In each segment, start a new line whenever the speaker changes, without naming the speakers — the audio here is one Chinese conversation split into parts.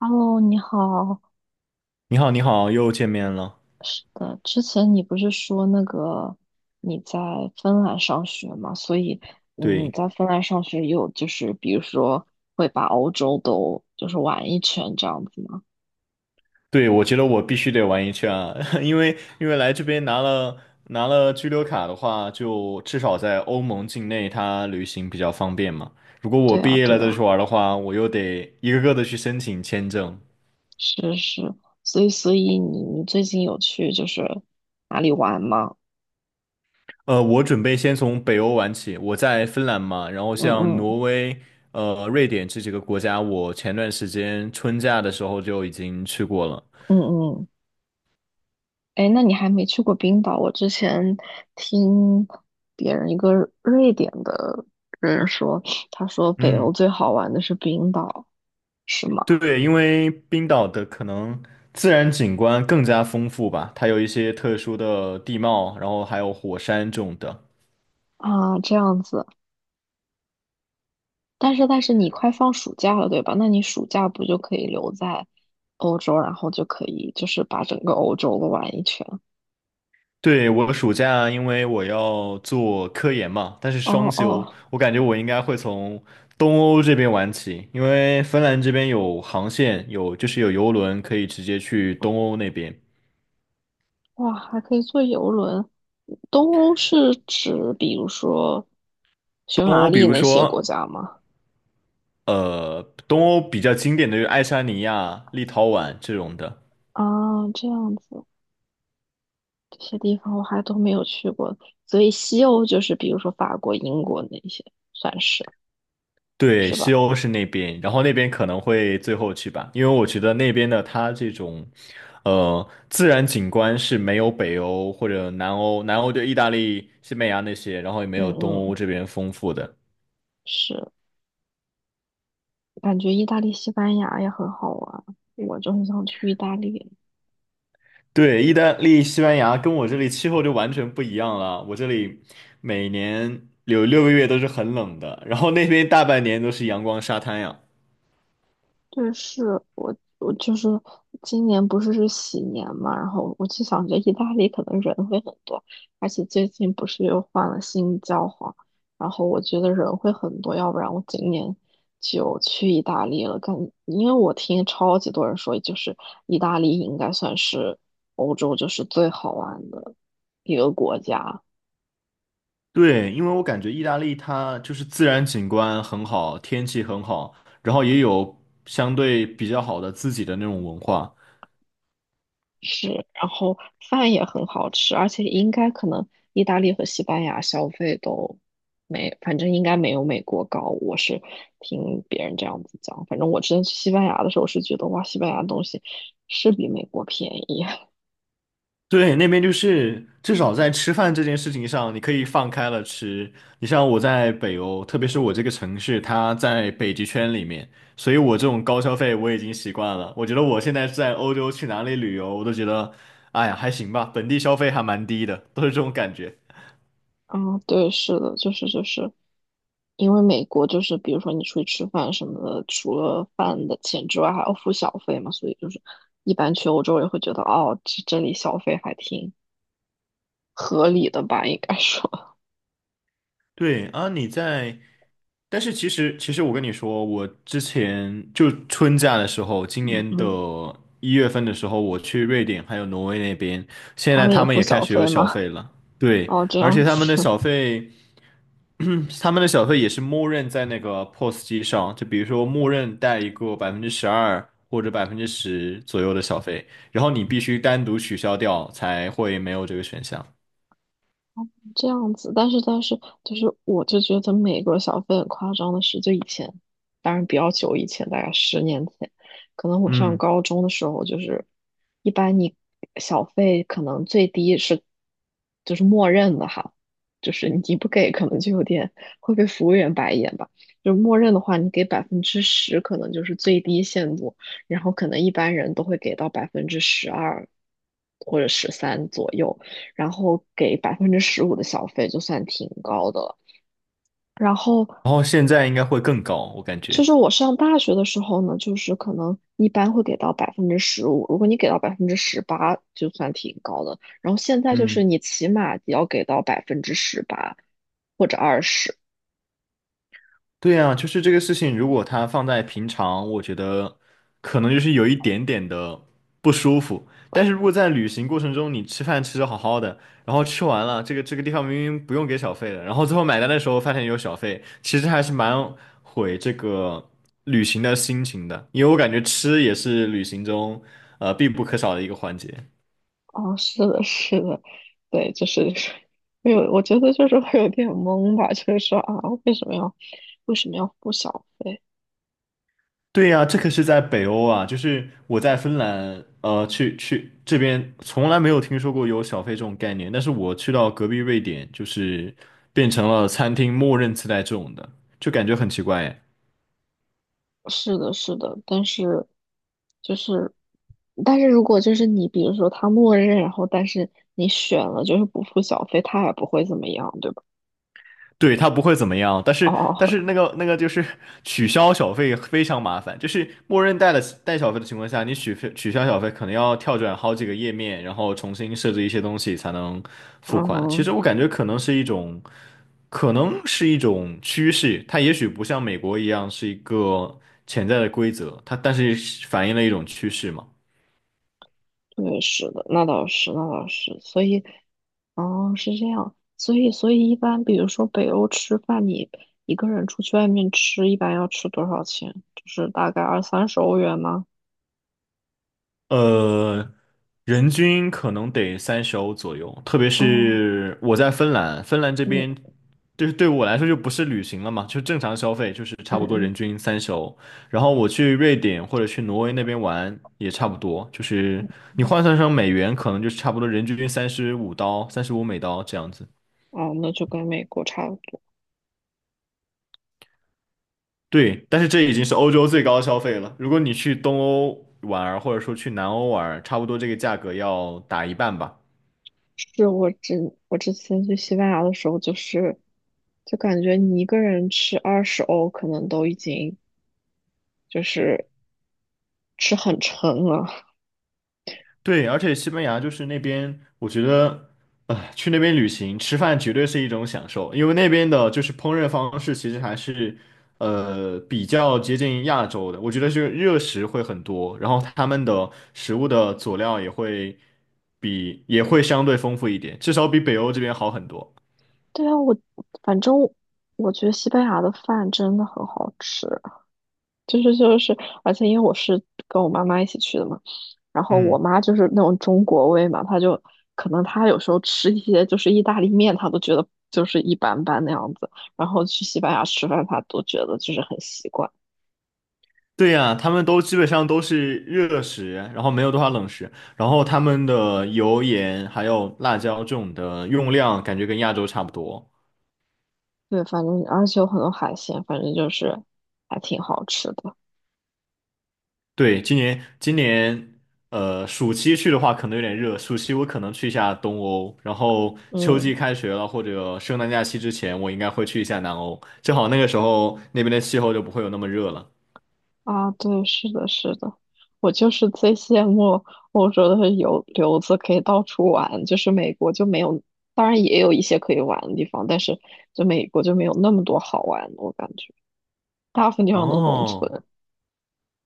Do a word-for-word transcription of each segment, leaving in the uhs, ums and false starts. Hello，你好。
你好，你好，又见面了。
是的，之前你不是说那个你在芬兰上学吗？所以嗯你
对，
在芬兰上学有就是比如说会把欧洲都就是玩一圈这样子吗？
对，我觉得我必须得玩一圈啊，因为因为来这边拿了拿了居留卡的话，就至少在欧盟境内，它旅行比较方便嘛。如果我
对
毕
啊，
业
对
了再去
啊，
玩的话，我又得一个个的去申请签证。
是是。所以所以你你最近有去就是哪里玩吗？
呃，我准备先从北欧玩起，我在芬兰嘛，然后
嗯
像
嗯
挪威、呃、瑞典这几个国家，我前段时间春假的时候就已经去过了。
嗯嗯。哎，诶那你还没去过冰岛？我之前听别人一个瑞典的人说，他说北欧
嗯，
最好玩的是冰岛，是吗？
对，因为冰岛的可能自然景观更加丰富吧，它有一些特殊的地貌，然后还有火山这种的。
啊，这样子。但是但是你快放暑假了，对吧？那你暑假不就可以留在欧洲，然后就可以就是把整个欧洲都玩一圈？
对，我暑假因为我要做科研嘛，但是双
哦
休，
哦，
我感觉我应该会从东欧这边玩起，因为芬兰这边有航线，有就是有游轮可以直接去东欧那边。
哇，还可以坐游轮。东欧是指比如说匈
东
牙
欧比
利
如
那些国
说，
家吗？
呃，东欧比较经典的就是爱沙尼亚、立陶宛这种的。
啊，这样子。这些地方我还都没有去过，所以西欧就是比如说法国、英国那些，算是
对，
是
西
吧？
欧是那边，然后那边可能会最后去吧，因为我觉得那边的它这种，呃，自然景观是没有北欧或者南欧，南欧就意大利、西班牙那些，然后也没
嗯
有东欧
嗯，
这边丰富的。
是，感觉意大利、西班牙也很好玩，我就很想去意大利。
对，意大利、西班牙跟我这里气候就完全不一样了，我这里每年有六个月都是很冷的，然后那边大半年都是阳光沙滩呀。
对，是我我就是今年不是是喜年嘛，然后我就想着意大利可能人会很多，而且最近不是又换了新教皇，然后我觉得人会很多，要不然我今年就去意大利了。感，因为我听超级多人说，就是意大利应该算是欧洲就是最好玩的一个国家。
对，因为我感觉意大利它就是自然景观很好，天气很好，然后也有相对比较好的自己的那种文化。
是，然后饭也很好吃，而且应该可能意大利和西班牙消费都没，反正应该没有美国高。我是听别人这样子讲，反正我之前去西班牙的时候是觉得哇，西班牙的东西是比美国便宜。
对，那边就是至少在吃饭这件事情上，你可以放开了吃。你像我在北欧，特别是我这个城市，它在北极圈里面，所以我这种高消费我已经习惯了。我觉得我现在在欧洲去哪里旅游，我都觉得，哎呀，还行吧，本地消费还蛮低的，都是这种感觉。
啊，对，是的，就是就是，因为美国就是比如说你出去吃饭什么的，除了饭的钱之外还要付小费嘛，所以就是一般去欧洲也会觉得哦，这这里消费还挺合理的吧，应该说。
对啊，你在但是其实，其实我跟你说，我之前就春假的时候，今
嗯
年的
嗯。
一月份的时候，我去瑞典还有挪威那边，现
他
在
们也
他们
付
也开
小
始有
费
小
吗？
费了。对，
哦，这
而
样
且他们的
子。
小费，嗯，他们的小费也是默认在那个 P O S 机上，就比如说默认带一个百分之十二或者百分之十左右的小费，然后你必须单独取消掉才会没有这个选项。
这样子，但是但是就是，我就觉得美国小费很夸张的是，就以前，当然比较久以前，大概十年前，可能我上
嗯，
高中的时候，就是一般你小费可能最低是就是默认的哈，就是你不给可能就有点会被服务员白眼吧，就默认的话，你给百分之十可能就是最低限度，然后可能一般人都会给到百分之十二或者十三左右。然后给百分之十五的小费，就算挺高的了。然后
然后现在应该会更高，我感
就
觉。
是我上大学的时候呢，就是可能一般会给到百分之十五，如果你给到百分之十八，就算挺高的。然后现在就是
嗯。
你起码也要给到百分之十八或者二十。
对呀，就是这个事情，如果它放在平常，我觉得可能就是有一点点的不舒服。但是如果在旅行过程中，你吃饭吃的好好的，然后吃完了，这个这个地方明明不用给小费的，然后最后买单的时候发现有小费，其实还是蛮毁这个旅行的心情的，因为我感觉吃也是旅行中呃必不可少的一个环节。
哦，是的，是的，对，就是没有，我觉得就是会有点懵吧，就是说啊，为什么要为什么要付小费？
对呀，这可是在北欧啊，就是我在芬兰，呃，去去这边从来没有听说过有小费这种概念，但是我去到隔壁瑞典，就是变成了餐厅默认自带这种的，就感觉很奇怪耶
是的，是的，但是就是，但是如果就是你，比如说他默认，然后但是你选了就是不付小费，他也不会怎么样，对吧？
对，他不会怎么样，但是但
哦，
是那个那个就是取消小费非常麻烦，就是默认带了带小费的情况下，你取费取消小费可能要跳转好几个页面，然后重新设置一些东西才能付款。其
嗯，
实我感觉可能是一种，可能是一种趋势，它也许不像美国一样是一个潜在的规则，它但是反映了一种趋势嘛。
对，是的，那倒是，那倒是，所以，哦，是这样，所以，所以一般比如说北欧吃饭，你一个人出去外面吃，一般要吃多少钱？就是大概二三十欧元吗？
呃，人均可能得三十欧左右，特别
哦，
是我在芬兰，芬兰这边
嗯
就是对我来说就不是旅行了嘛，就正常消费，就是
嗯
差不多人
嗯，
均三十欧。然后我去瑞典或者去挪威那边玩也差不多，就是你换算成美元，可能就是差不多人均三十五刀、三十五美刀这样子。
哦，那就跟美国差不多。
对，但是这已经是欧洲最高消费了。如果你去东欧玩儿，或者说去南欧玩儿差不多这个价格要打一半吧。
是我之我之前去西班牙的时候，就是就感觉你一个人吃二十欧，可能都已经就是吃很撑了。
对，而且西班牙就是那边，我觉得，呃，去那边旅行吃饭绝对是一种享受，因为那边的就是烹饪方式其实还是，呃，比较接近亚洲的。我觉得就是热食会很多，然后他们的食物的佐料也会比也会相对丰富一点，至少比北欧这边好很多。
对啊，我反正我觉得西班牙的饭真的很好吃，就是就是，而且因为我是跟我妈妈一起去的嘛，然后我
嗯，
妈就是那种中国胃嘛，她就可能她有时候吃一些就是意大利面，她都觉得就是一般般那样子，然后去西班牙吃饭，她都觉得就是很习惯。
对呀，他们都基本上都是热食，然后没有多少冷食，然后他们的油盐还有辣椒这种的用量感觉跟亚洲差不多。
对，反正而且有很多海鲜，反正就是还挺好吃的。
对，今年今年呃暑期去的话可能有点热，暑期我可能去一下东欧，然后秋季
嗯，
开学了或者圣诞假期之前，我应该会去一下南欧，正好那个时候那边的气候就不会有那么热了。
啊，对，是的，是的，我就是最羡慕欧洲的游留子可以到处玩，就是美国就没有，当然也有一些可以玩的地方，但是就美国就没有那么多好玩的，我感觉大部分地方都是农
哦
村。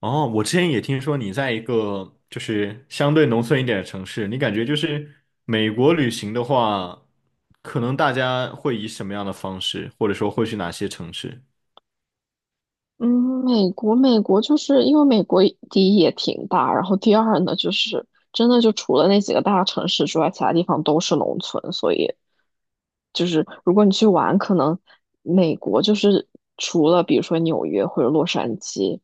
哦，我之前也听说你在一个就是相对农村一点的城市，你感觉就是美国旅行的话，可能大家会以什么样的方式，或者说会去哪些城市？
嗯，美国，美国就是因为美国第一也挺大，然后第二呢，就是真的就除了那几个大城市之外，其他地方都是农村，所以就是如果你去玩，可能美国就是除了比如说纽约或者洛杉矶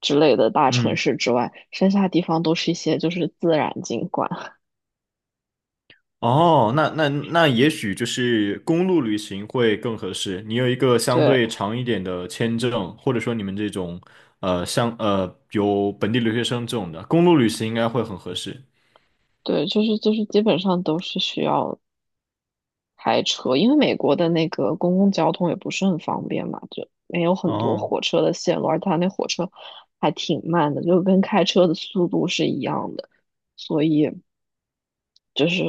之类的大城
嗯。
市之外，剩下地方都是一些就是自然景观，
哦，那那那也许就是公路旅行会更合适。你有一个相
对
对长一点的签证，或者说你们这种呃像呃有本地留学生这种的，公路旅行应该会很合适。
对，就是就是基本上都是需要开车，因为美国的那个公共交通也不是很方便嘛，就没有很多
哦，
火车的线路，而它那火车还挺慢的，就跟开车的速度是一样的，所以就是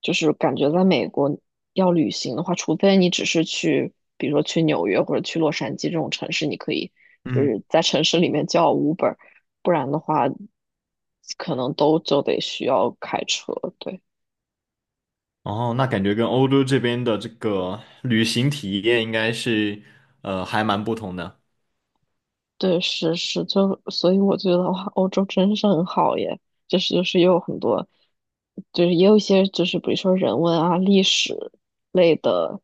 就是感觉在美国要旅行的话，除非你只是去，比如说去纽约或者去洛杉矶这种城市，你可以就
嗯，
是在城市里面叫 Uber，不然的话可能都就得需要开车，对。
哦，那感觉跟欧洲这边的这个旅行体验应该是呃还蛮不同的。
对，是是，就所以我觉得哇，欧洲真是很好耶，就是就是也有很多，就是也有一些就是比如说人文啊、历史类的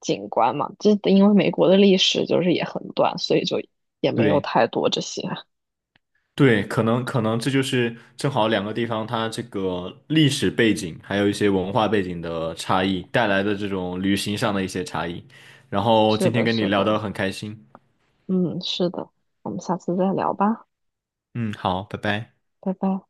景观嘛，这因为美国的历史就是也很短，所以就也没有
对。
太多这些。
对，可能可能这就是正好两个地方它这个历史背景，还有一些文化背景的差异带来的这种旅行上的一些差异。然后
是
今天
的，
跟你
是
聊得
的，
很开心，
嗯，是的，我们下次再聊吧，
嗯，好，拜拜。
拜拜。